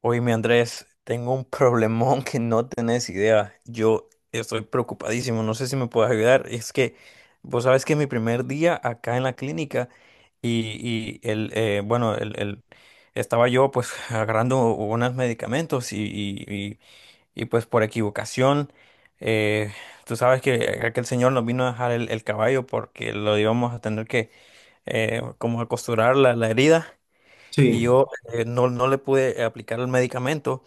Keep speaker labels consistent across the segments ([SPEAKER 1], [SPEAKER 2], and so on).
[SPEAKER 1] Oye, mi Andrés, tengo un problemón que no tenés idea. Yo estoy preocupadísimo, no sé si me puedes ayudar. Es que vos sabes que es mi primer día acá en la clínica y el, bueno, estaba yo pues agarrando unos medicamentos y, y, pues por equivocación, eh, tú sabes que aquel señor nos vino a dejar el caballo porque lo íbamos a tener que como a costurar la herida. Y
[SPEAKER 2] Sí,
[SPEAKER 1] yo, no, no le pude aplicar el medicamento,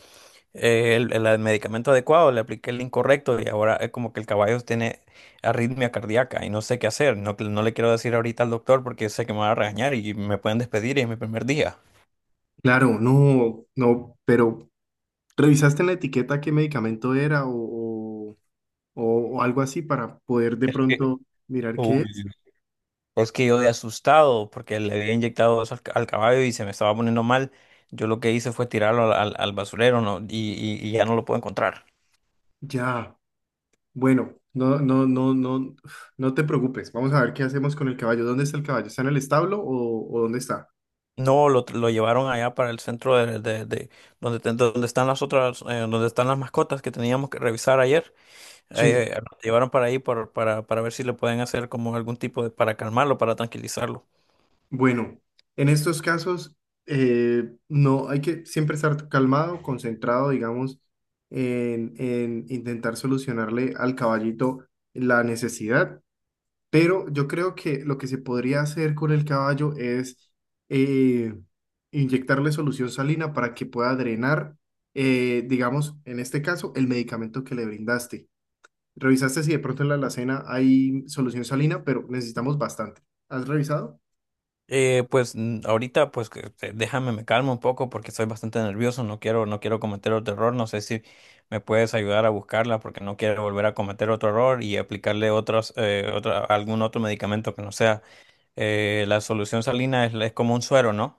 [SPEAKER 1] el medicamento adecuado. Le apliqué el incorrecto y ahora es como que el caballo tiene arritmia cardíaca y no sé qué hacer. No, no le quiero decir ahorita al doctor porque sé que me va a regañar y me pueden despedir y es mi primer día.
[SPEAKER 2] claro, no, no, pero ¿revisaste en la etiqueta qué medicamento era o, o algo así para poder de pronto mirar qué
[SPEAKER 1] Uy.
[SPEAKER 2] es?
[SPEAKER 1] Es que yo de asustado porque le había inyectado eso al caballo y se me estaba poniendo mal. Yo lo que hice fue tirarlo al basurero, ¿no? Y, y ya no lo puedo encontrar.
[SPEAKER 2] Ya, bueno, no, te preocupes, vamos a ver qué hacemos con el caballo. ¿Dónde está el caballo? ¿Está en el establo o dónde está?
[SPEAKER 1] No, lo llevaron allá para el centro de donde, donde están las otras, donde están las mascotas que teníamos que revisar ayer.
[SPEAKER 2] Sí,
[SPEAKER 1] Lo llevaron para ahí para ver si le pueden hacer como algún tipo de, para calmarlo, para tranquilizarlo.
[SPEAKER 2] bueno, en estos casos no hay que siempre estar calmado, concentrado, digamos, en intentar solucionarle al caballito la necesidad. Pero yo creo que lo que se podría hacer con el caballo es eh, inyectarle solución salina para que pueda drenar, digamos, en este caso, el medicamento que le brindaste. Revisaste si de pronto en la alacena hay solución salina, pero necesitamos bastante. ¿Has revisado?
[SPEAKER 1] Pues mm, ahorita, pues que déjame, me calmo un poco porque estoy bastante nervioso, no quiero, no quiero cometer otro error. No sé si me puedes ayudar a buscarla porque no quiero volver a cometer otro error y aplicarle otros, algún otro medicamento que no sea. La solución salina es como un suero, ¿no?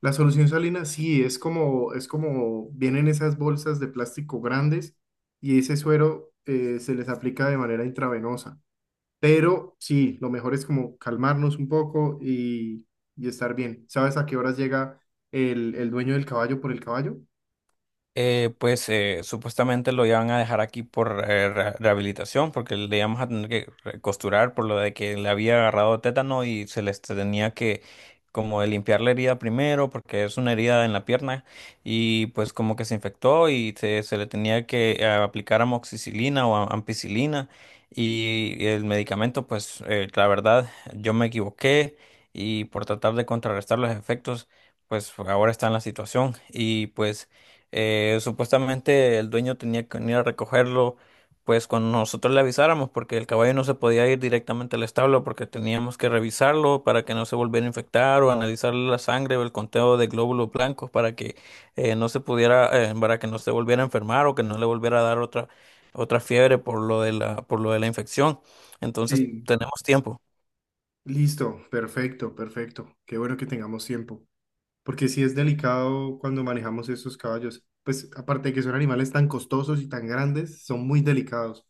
[SPEAKER 2] La solución salina sí es como vienen esas bolsas de plástico grandes y ese suero se les aplica de manera intravenosa. Pero sí, lo mejor es como calmarnos un poco y estar bien. ¿Sabes a qué horas llega el dueño del caballo por el caballo?
[SPEAKER 1] Supuestamente lo iban a dejar aquí por rehabilitación, porque le íbamos a tener que costurar por lo de que le había agarrado tétano y se les tenía que como de limpiar la herida primero, porque es una herida en la pierna, y pues como que se infectó y se le tenía que aplicar amoxicilina o ampicilina, y el medicamento, pues la verdad, yo me equivoqué y por tratar de contrarrestar los efectos, pues ahora está en la situación y pues... Supuestamente el dueño tenía que venir a recogerlo, pues cuando nosotros le avisáramos, porque el caballo no se podía ir directamente al establo, porque teníamos que revisarlo para que no se volviera a infectar o analizar la sangre o el conteo de glóbulos blancos para que no se pudiera, para que no se volviera a enfermar o que no le volviera a dar otra otra fiebre por lo de la por lo de la infección. Entonces
[SPEAKER 2] Sí.
[SPEAKER 1] tenemos tiempo.
[SPEAKER 2] Listo, perfecto, perfecto. Qué bueno que tengamos tiempo. Porque sí es delicado cuando manejamos estos caballos. Pues aparte de que son animales tan costosos y tan grandes, son muy delicados.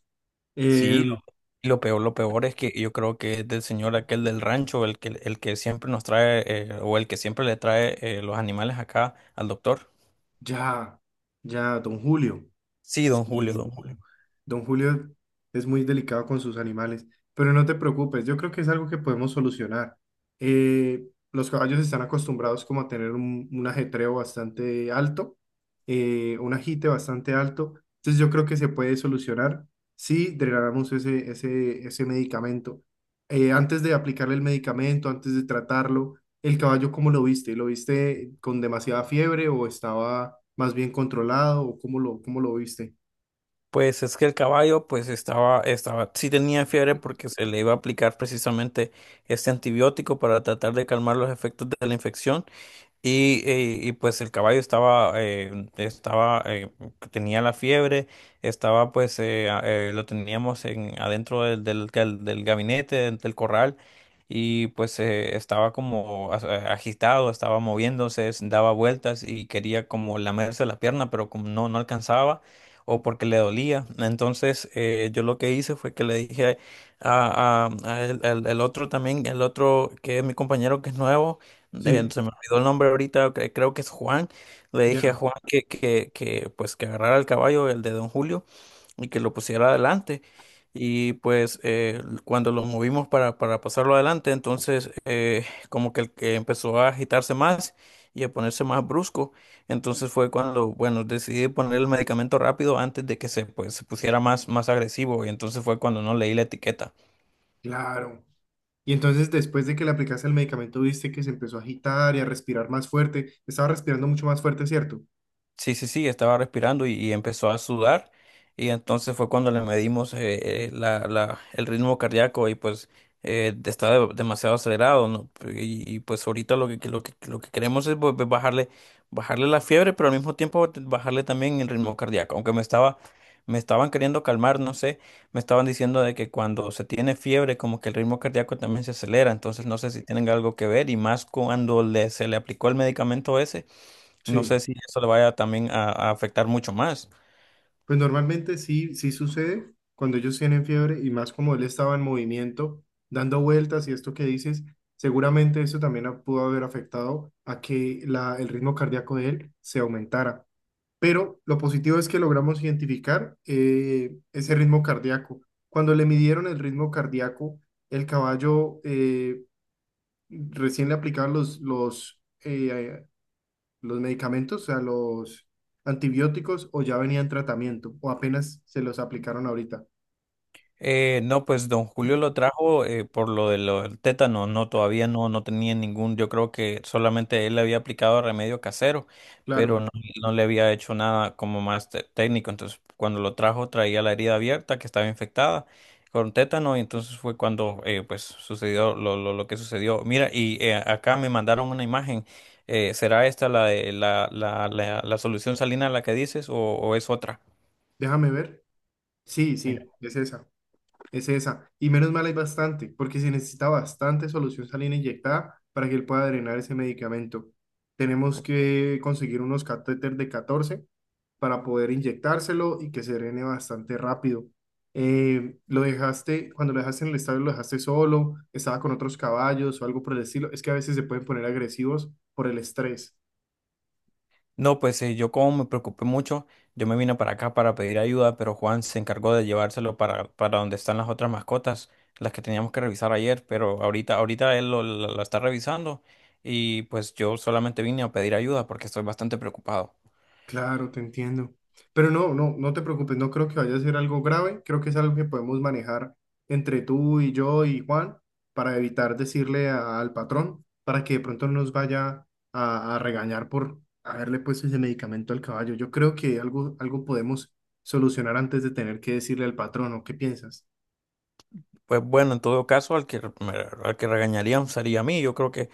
[SPEAKER 1] Sí,
[SPEAKER 2] Em,
[SPEAKER 1] y lo peor, lo peor es que yo creo que es del señor aquel del rancho, el que siempre nos trae, o el que siempre le trae los animales acá al doctor.
[SPEAKER 2] ya, ya, don Julio.
[SPEAKER 1] Sí, don Julio,
[SPEAKER 2] Sí.
[SPEAKER 1] don Julio.
[SPEAKER 2] Don Julio es muy delicado con sus animales, pero no te preocupes, yo creo que es algo que podemos solucionar. Los caballos están acostumbrados como a tener un ajetreo bastante alto, un agite bastante alto, entonces yo creo que se puede solucionar si drenamos ese medicamento. Antes de aplicarle el medicamento, antes de tratarlo, el caballo, ¿cómo lo viste? ¿Lo viste con demasiada fiebre o estaba más bien controlado o cómo cómo lo viste?
[SPEAKER 1] Pues es que el caballo, pues estaba, estaba, sí tenía fiebre porque se le iba a aplicar precisamente este antibiótico para tratar de calmar los efectos de la infección. Y pues el caballo estaba, tenía la fiebre, estaba pues, lo teníamos en, adentro del gabinete, del corral, y pues estaba como agitado, estaba moviéndose, se daba vueltas y quería como lamerse la pierna, pero como no, no alcanzaba, o porque le dolía. Entonces yo lo que hice fue que le dije a, a- a el otro también, el otro que es mi compañero que es nuevo, eh,
[SPEAKER 2] Sí,
[SPEAKER 1] se me olvidó el nombre ahorita, creo que es Juan. Le dije a
[SPEAKER 2] ya.
[SPEAKER 1] Juan que, pues que agarrara el caballo, el de don Julio, y que lo pusiera adelante. Y pues cuando lo movimos para pasarlo adelante, entonces como que el que empezó a agitarse más y a ponerse más brusco. Entonces fue cuando, bueno, decidí poner el medicamento rápido antes de que se, pues, se pusiera más, más agresivo. Y entonces fue cuando no leí la etiqueta.
[SPEAKER 2] Claro. Y entonces después de que le aplicaste el medicamento, viste que se empezó a agitar y a respirar más fuerte. Estaba respirando mucho más fuerte, ¿cierto?
[SPEAKER 1] Sí, sí, sí, estaba respirando y empezó a sudar y entonces fue cuando le medimos el ritmo cardíaco y pues está demasiado acelerado, ¿no? Y, y pues ahorita lo que, lo que, lo que queremos es pues, bajarle, bajarle la fiebre, pero al mismo tiempo bajarle también el ritmo cardíaco, aunque me estaba, me estaban queriendo calmar, no sé, me estaban diciendo de que cuando se tiene fiebre como que el ritmo cardíaco también se acelera. Entonces no sé si tienen algo que ver y más cuando le, se le aplicó el medicamento ese, no sé
[SPEAKER 2] Sí.
[SPEAKER 1] si eso le vaya también a afectar mucho más.
[SPEAKER 2] Pues normalmente sí, sí sucede cuando ellos tienen fiebre y más como él estaba en movimiento, dando vueltas y esto que dices, seguramente eso también pudo haber afectado a que el ritmo cardíaco de él se aumentara. Pero lo positivo es que logramos identificar ese ritmo cardíaco. Cuando le midieron el ritmo cardíaco, el caballo... recién le aplicaban los medicamentos, o sea, los antibióticos, o ya venían tratamiento, o apenas se los aplicaron ahorita.
[SPEAKER 1] No, pues don Julio lo trajo por lo de lo del tétano. No, todavía no, no tenía ningún, yo creo que solamente él le había aplicado remedio casero, pero
[SPEAKER 2] Claro,
[SPEAKER 1] no, no le había hecho nada como más técnico. Entonces, cuando lo trajo traía la herida abierta que estaba infectada con tétano, y entonces fue cuando pues sucedió lo que sucedió. Mira, y acá me mandaron una imagen. ¿Será esta la, de- la solución salina la que dices o es otra?
[SPEAKER 2] déjame ver. Sí,
[SPEAKER 1] Mira,
[SPEAKER 2] sí, es esa, es esa. Y menos mal hay bastante, porque se necesita bastante solución salina inyectada para que él pueda drenar ese medicamento. Tenemos que conseguir unos catéteres de 14 para poder inyectárselo y que se drene bastante rápido. Lo dejaste, cuando lo dejaste en el estadio, lo dejaste solo, estaba con otros caballos o algo por el estilo. Es que a veces se pueden poner agresivos por el estrés.
[SPEAKER 1] no, pues yo como me preocupé mucho, yo me vine para acá para pedir ayuda, pero Juan se encargó de llevárselo para donde están las otras mascotas, las que teníamos que revisar ayer. Pero ahorita, ahorita él lo, la la está revisando y pues yo solamente vine a pedir ayuda porque estoy bastante preocupado.
[SPEAKER 2] Claro, te entiendo. Pero no te preocupes, no creo que vaya a ser algo grave, creo que es algo que podemos manejar entre tú y yo y Juan para evitar decirle al patrón para que de pronto no nos vaya a regañar por haberle puesto ese medicamento al caballo. Yo creo que algo, algo podemos solucionar antes de tener que decirle al patrón, ¿o qué piensas?
[SPEAKER 1] Pues bueno, en todo caso, al que, al que regañarían sería a mí. Yo creo que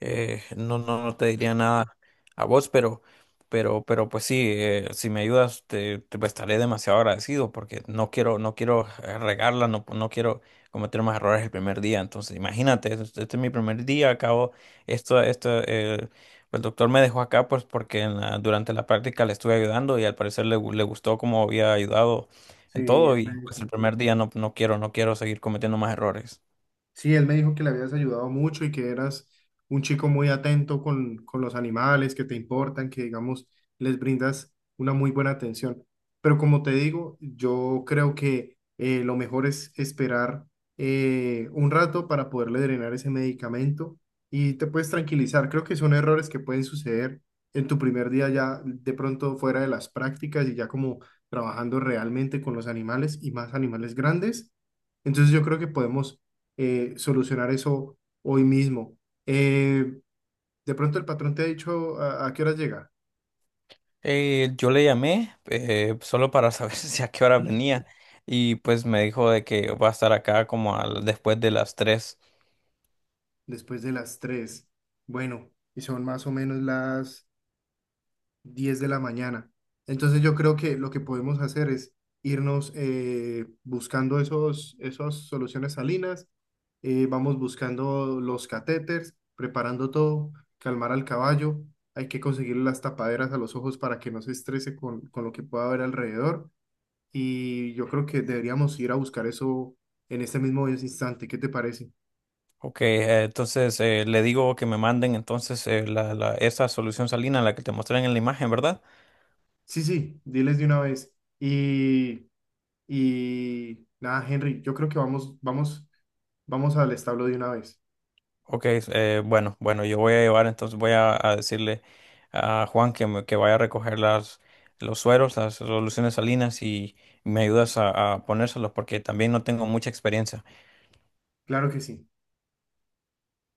[SPEAKER 1] no, no, no te diría nada a vos, pero pues sí, si me ayudas, te pues, estaré demasiado agradecido porque no quiero, no quiero regarla, no, no quiero cometer más errores el primer día. Entonces, imagínate, este, es mi primer día, acabo, esto, pues, el doctor me dejó acá pues porque en durante la práctica le estuve ayudando y al parecer le, le gustó cómo había ayudado
[SPEAKER 2] Sí,
[SPEAKER 1] en todo.
[SPEAKER 2] el
[SPEAKER 1] Y pues el
[SPEAKER 2] médico.
[SPEAKER 1] primer día no, no quiero, no quiero seguir cometiendo más errores.
[SPEAKER 2] Sí, él me dijo que le habías ayudado mucho y que eras un chico muy atento con los animales, que te importan, que digamos, les brindas una muy buena atención. Pero como te digo, yo creo que lo mejor es esperar un rato para poderle drenar ese medicamento y te puedes tranquilizar. Creo que son errores que pueden suceder en tu primer día ya de pronto fuera de las prácticas y ya como trabajando realmente con los animales y más animales grandes. Entonces yo creo que podemos solucionar eso hoy mismo. Eh, de pronto el patrón te ha dicho a qué horas llega.
[SPEAKER 1] Yo le llamé solo para saber si a qué hora venía y pues me dijo de que va a estar acá como después de las tres.
[SPEAKER 2] Después de las 3. Bueno, y son más o menos las 10 de la mañana. Entonces yo creo que lo que podemos hacer es irnos buscando esas soluciones salinas, vamos buscando los catéteres, preparando todo, calmar al caballo, hay que conseguirle las tapaderas a los ojos para que no se estrese con lo que pueda haber alrededor. Y yo creo que deberíamos ir a buscar eso en este mismo instante. ¿Qué te parece?
[SPEAKER 1] Ok, entonces le digo que me manden entonces esa solución salina, la que te mostré en la imagen, ¿verdad?
[SPEAKER 2] Sí, sí, diles de una vez. Y, y nada, Henry, yo creo que vamos, vamos, vamos al establo de una vez.
[SPEAKER 1] Ok, bueno, bueno, yo voy a llevar, entonces voy a decirle a Juan que vaya a recoger las, los sueros, las soluciones salinas, y me ayudas a ponérselos porque también no tengo mucha experiencia.
[SPEAKER 2] Claro que sí.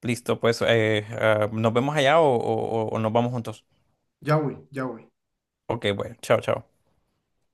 [SPEAKER 1] Listo, pues nos vemos allá o, o nos vamos juntos.
[SPEAKER 2] Ya voy, ya voy.
[SPEAKER 1] Ok, bueno, chao, chao.